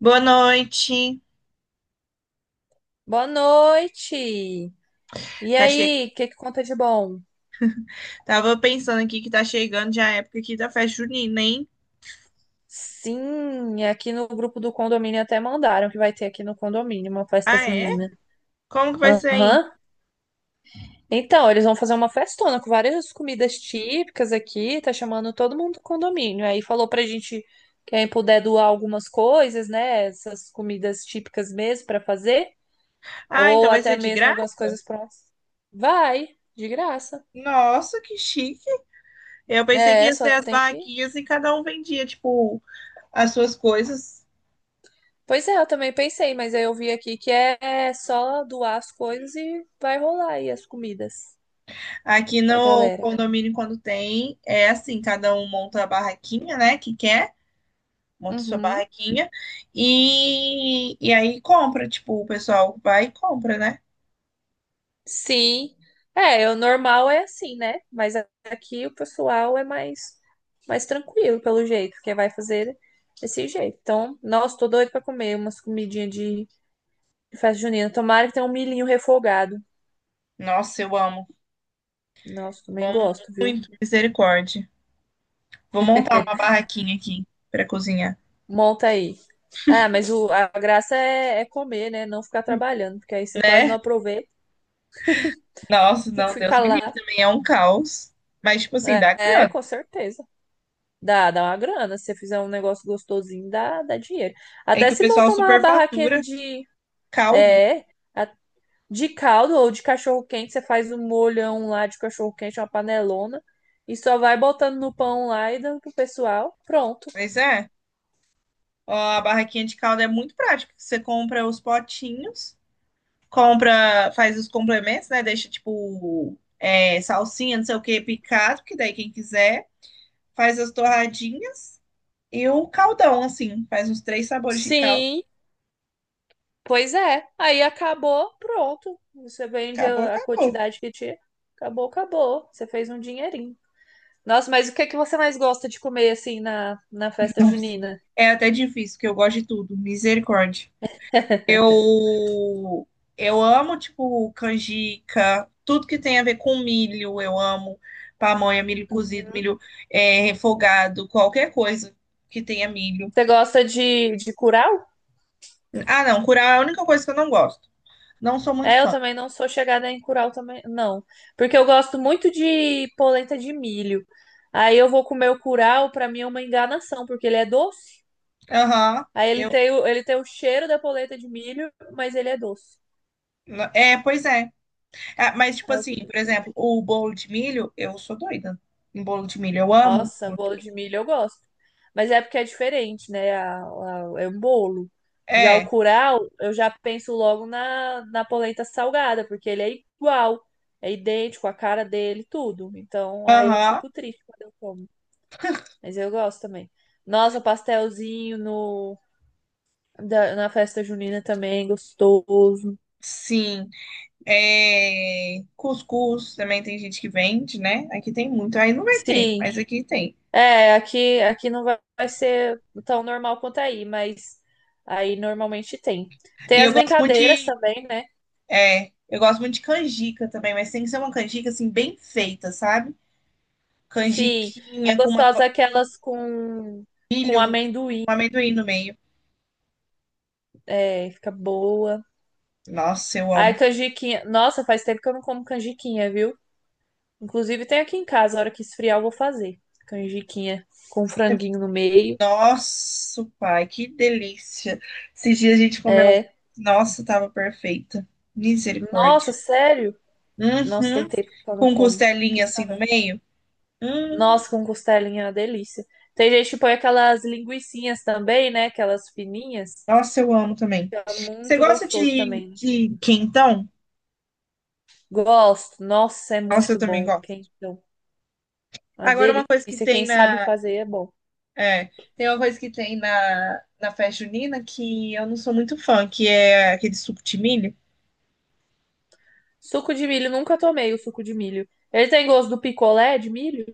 Boa noite. Boa noite! E Tá che... aí, o que conta de bom? Tava pensando aqui que tá chegando já a época aqui da festa junina, hein? Sim, aqui no grupo do condomínio até mandaram que vai ter aqui no condomínio uma festa Ah, é? junina. Como que vai ser aí? Aham. Então, eles vão fazer uma festona com várias comidas típicas aqui, tá chamando todo mundo do condomínio. Aí falou pra gente quem puder doar algumas coisas, né? Essas comidas típicas mesmo pra fazer, Ah, ou então vai até ser de mesmo algumas graça? coisas prontas. Vai, de graça. Nossa, que chique. Eu pensei que É, ia ser só as tem que... barraquinhas e cada um vendia, tipo, as suas coisas. Pois é, eu também pensei, mas aí eu vi aqui que é só doar as coisas e vai rolar aí as comidas Aqui pra no galera. condomínio, quando tem, é assim, cada um monta a barraquinha, né, que quer, monta sua Uhum. barraquinha e aí compra, tipo, o pessoal vai e compra, né? Sim. É, o normal é assim, né? Mas aqui o pessoal é mais, mais tranquilo, pelo jeito, porque vai fazer desse jeito. Então, nossa, tô doido pra comer umas comidinhas de festa junina. Tomara que tenha um milhinho refogado. Nossa, eu amo. Nossa, também gosto, viu? Muito, misericórdia. Vou montar uma barraquinha aqui pra cozinhar. Monta aí. Ah, mas a graça é, é comer, né? Não ficar trabalhando, porque aí você quase não Né? aproveita. Nossa, Tem que não, Deus ficar me livre, lá. também é um caos. Mas, tipo assim, É, dá é, grana. com certeza. Dá, dá uma grana. Se você fizer um negócio gostosinho, dá, dá dinheiro. É Até que o se pessoal montar uma barraquinha superfatura de, caldo. é, a- de caldo ou de cachorro-quente, você faz um molhão lá de cachorro-quente, uma panelona, e só vai botando no pão lá e dando pro pessoal. Pronto. Mas é, ó, a barraquinha de caldo é muito prática. Você compra os potinhos, compra, faz os complementos, né? Deixa, tipo, é, salsinha, não sei o que, picado, que daí quem quiser, faz as torradinhas e o caldão, assim. Faz uns três sabores de caldo. Sim, pois é. Aí acabou, pronto. Você vende Acabou, a acabou. quantidade que tinha. Acabou, acabou. Você fez um dinheirinho. Nossa, mas o que é que você mais gosta de comer assim na, na festa junina? É até difícil, porque eu gosto de tudo. Misericórdia. Eu eu amo, tipo, canjica, tudo que tem a ver com milho, eu amo. Pamonha, milho cozido, milho é, refogado, qualquer coisa que tenha milho. Você gosta de curau? Ah, não, curau é a única coisa que eu não gosto. Não sou muito É, eu fã. também não sou chegada em curau também, não. Porque eu gosto muito de polenta de milho. Aí eu vou comer o curau, pra mim é uma enganação, porque ele é doce. Aham. Aí ele Eu. tem ele tem o cheiro da polenta de milho, mas ele é doce. É, pois é. Ah, mas, tipo Aí eu assim, fico por exemplo, triste. o bolo de milho, eu sou doida em bolo de milho. Eu amo. Nossa, bolo de milho eu gosto. Mas é porque é diferente, né? É um bolo. Já o É. curau, eu já penso logo na, na polenta salgada, porque ele é igual, é idêntico, a cara dele, tudo. Então aí eu Aham. fico triste quando eu como. Mas eu gosto também. Nossa, pastelzinho no, da- na festa junina também, gostoso. Sim. É, cuscuz também tem gente que vende, né? Aqui tem muito. Aí não vai ter, Sim. mas aqui tem. É, aqui, aqui não vai ser tão normal quanto aí, mas aí normalmente tem. E Tem eu as gosto muito brincadeiras de, também, né? é, eu gosto muito de canjica também, mas tem que ser uma canjica assim bem feita, sabe? Sim, é Canjiquinha com uma gostosa com um aquelas com milho, com amendoim, amendoim no meio. é, fica boa. Nossa, eu Ai, amo. canjiquinha. Nossa, faz tempo que eu não como canjiquinha, viu? Inclusive tem aqui em casa, a hora que esfriar eu vou fazer. Canjiquinha com franguinho no meio. Nossa, pai, que delícia. Esses dias a gente comeu um. É. Nossa, tava perfeita. Misericórdia. Nossa, sério? Nossa, tem Uhum. tempo que eu não Com como. Que... costelinha assim no meio. Hum. Nossa, com costelinha é uma delícia. Tem gente que põe aquelas linguicinhas também, né? Aquelas fininhas. Nossa, eu amo também. Que É Você muito gosta gostoso também. de quentão? Gosto. Nossa, é Nossa, eu muito também bom. gosto. Quentão. Uma Agora, uma coisa que delícia. tem Quem sabe na. fazer é bom. É, tem uma coisa que tem na, na festa junina que eu não sou muito fã, que é aquele suco de milho. Suco de milho, nunca tomei o suco de milho. Ele tem gosto do picolé de milho?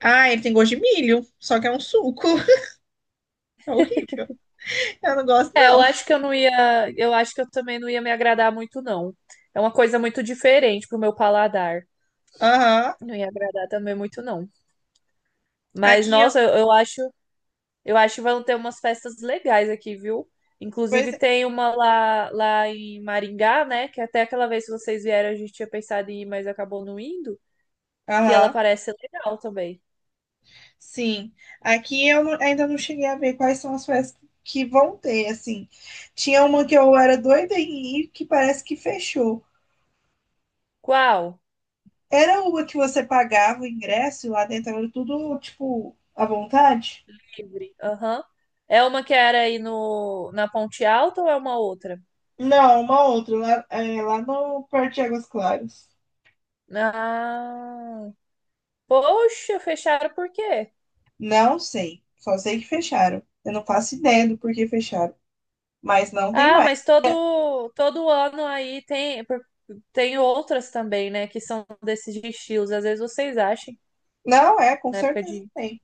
Ah, ele tem gosto de milho, só que é um suco. É horrível. Eu não gosto, É, eu não. acho que eu não ia. Eu acho que eu também não ia me agradar muito, não. É uma coisa muito diferente pro meu paladar. Aham. Não ia agradar também muito, não. Mas, Aqui eu. nossa, eu acho. Eu acho que vão ter umas festas legais aqui, viu? Pois Inclusive é. tem uma lá, lá em Maringá, né? Que até aquela vez que vocês vieram a gente tinha pensado em ir, mas acabou não indo. Que ela Aham. parece legal também. Sim. Aqui eu não- Ainda não cheguei a ver quais são as festas que vão ter, assim. Tinha uma que eu era doida em ir, que parece que fechou. Qual? Era uma que você pagava o ingresso e lá dentro era tudo, tipo, à vontade? Livre. Aham. É uma que era aí no, na Ponte Alta ou é uma outra? Não, uma outra, lá, é, lá no Parque de Águas Claras. Ah, poxa, fecharam por quê? Não sei, só sei que fecharam. Eu não faço ideia do porquê fecharam, mas não tem Ah, mais. mas todo, todo ano aí tem, tem outras também, né? Que são desses estilos. Às vezes vocês acham, Não, é, com na época certeza de... tem.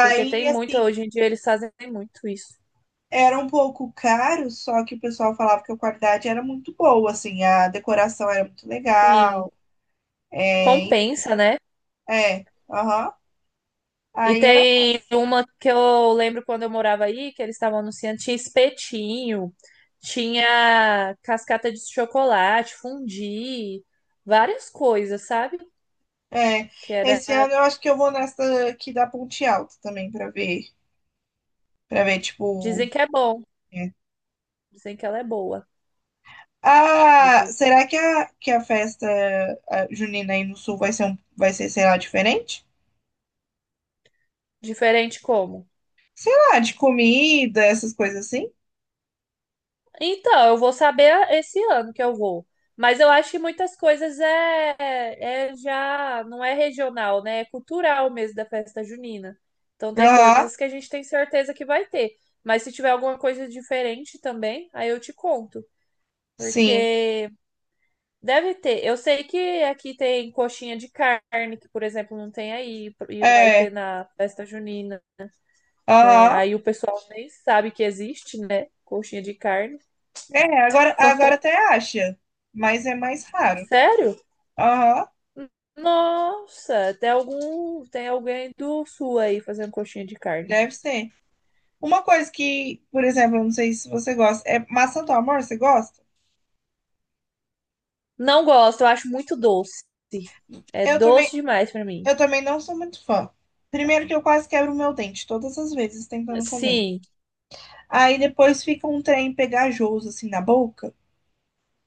Porque tem muito, assim, hoje em dia eles fazem muito isso. era um pouco caro, só que o pessoal falava que a qualidade era muito boa, assim, a decoração era muito Sim, legal. É, compensa, né? Aham. E Aí era tem massa. uma que eu lembro quando eu morava aí, que eles estavam anunciando, tinha espetinho, tinha cascata de chocolate, fundi, várias coisas, sabe? É, Que era, esse ano eu acho que eu vou nessa aqui da Ponte Alta também pra ver, para ver tipo, dizem que é bom, é. dizem que ela é boa. Aí Ah, tem que ir. será que a festa a junina aí no sul vai ser um, vai ser, sei lá, diferente? Diferente como? Ah, de comida, essas coisas assim? Então, eu vou saber esse ano que eu vou. Mas eu acho que muitas coisas é, é já não é regional, né? É cultural mesmo da festa junina. Então tem Aham, coisas que a gente tem certeza que vai ter. Mas se tiver alguma coisa diferente também, aí eu te conto. sim. Porque deve ter. Eu sei que aqui tem coxinha de carne, que, por exemplo, não tem aí, e vai ter É, na festa junina. Que é- aham. Aí o pessoal nem sabe que existe, né? Coxinha de carne. É, agora até acha, mas é mais raro. Sério? Aham, Nossa, tem alguém do sul aí fazendo coxinha de carne. deve ser. Uma coisa que, por exemplo, eu não sei se você gosta, é maçã do amor, você gosta? Não gosto, eu acho muito doce. É Eu doce também demais pra mim. Eu também não sou muito fã. Primeiro que eu quase quebro meu dente todas as vezes tentando comer. Sim, Aí depois fica um trem pegajoso assim na boca.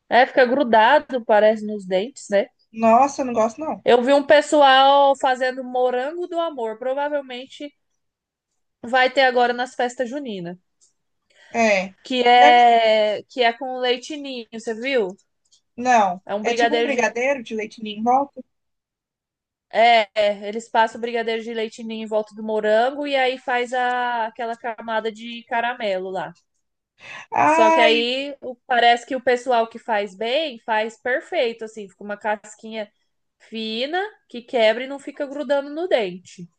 é, fica grudado, parece, nos dentes, né? Nossa, eu não gosto não. Eu vi um pessoal fazendo morango do amor. Provavelmente vai ter agora nas festas juninas. É. Que Deve... que é com leite ninho, você viu? Não. É um É tipo um brigadeiro de leite. brigadeiro de leite ninho em volta. É, eles passam o brigadeiro de leite ninho em volta do morango e aí faz aquela camada de caramelo lá. Só que Ai, aí o- parece que o pessoal que faz bem faz perfeito, assim, fica uma casquinha fina que quebra e não fica grudando no dente.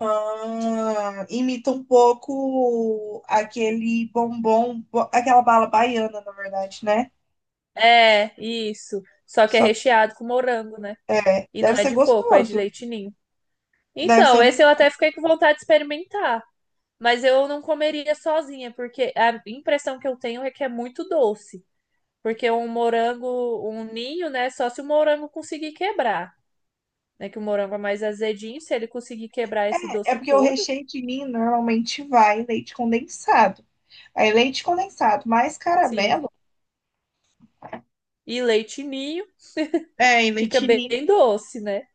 ah, imita um pouco aquele bombom, aquela bala baiana, na verdade, né? É, isso. Só que é Só que recheado com morango, né? é, E não deve é ser de coco, é de gostoso. leite ninho. Deve ser Então, esse ruim. eu até fiquei com vontade de experimentar, mas eu não comeria sozinha, porque a impressão que eu tenho é que é muito doce. Porque um morango, um ninho, né? Só se o morango conseguir quebrar, né? Que o morango é mais azedinho, se ele conseguir quebrar esse É doce porque o todo, recheio de ninho normalmente vai leite condensado. Aí leite condensado, mais sim. caramelo. E leite ninho É, e fica leite bem ninho, doce, né?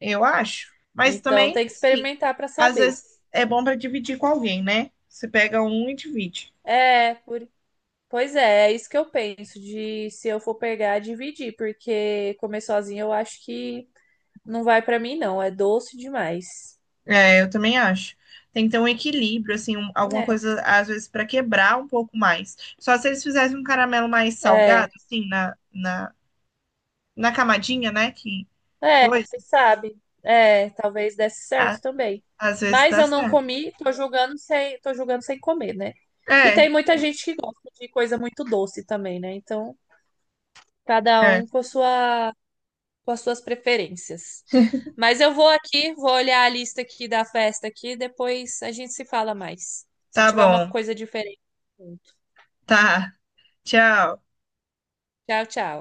eu acho. Mas Então também, tem que assim, experimentar para às saber. vezes é bom para dividir com alguém, né? Você pega um e divide. É, pois é, é isso que eu penso de se eu for pegar, dividir, porque comer sozinho eu acho que não vai para mim, não. É doce demais. É, eu também acho. Tem que ter um equilíbrio, assim, um- alguma É. coisa, às vezes, para quebrar um pouco mais. Só se eles fizessem um caramelo mais salgado, É. assim, na camadinha, né? Que É, coisa. quem sabe? É, talvez desse A- certo também. às vezes Mas dá eu não certo. comi, tô julgando sem comer, né? E É, tem muita gente que gosta de coisa muito doce também, né? Então, cada é. um com a sua, com as suas preferências. Mas eu vou aqui, vou olhar a lista aqui da festa aqui, depois a gente se fala mais. Se Tá tiver uma bom. coisa diferente. Tá. Tchau. Tchau, tchau.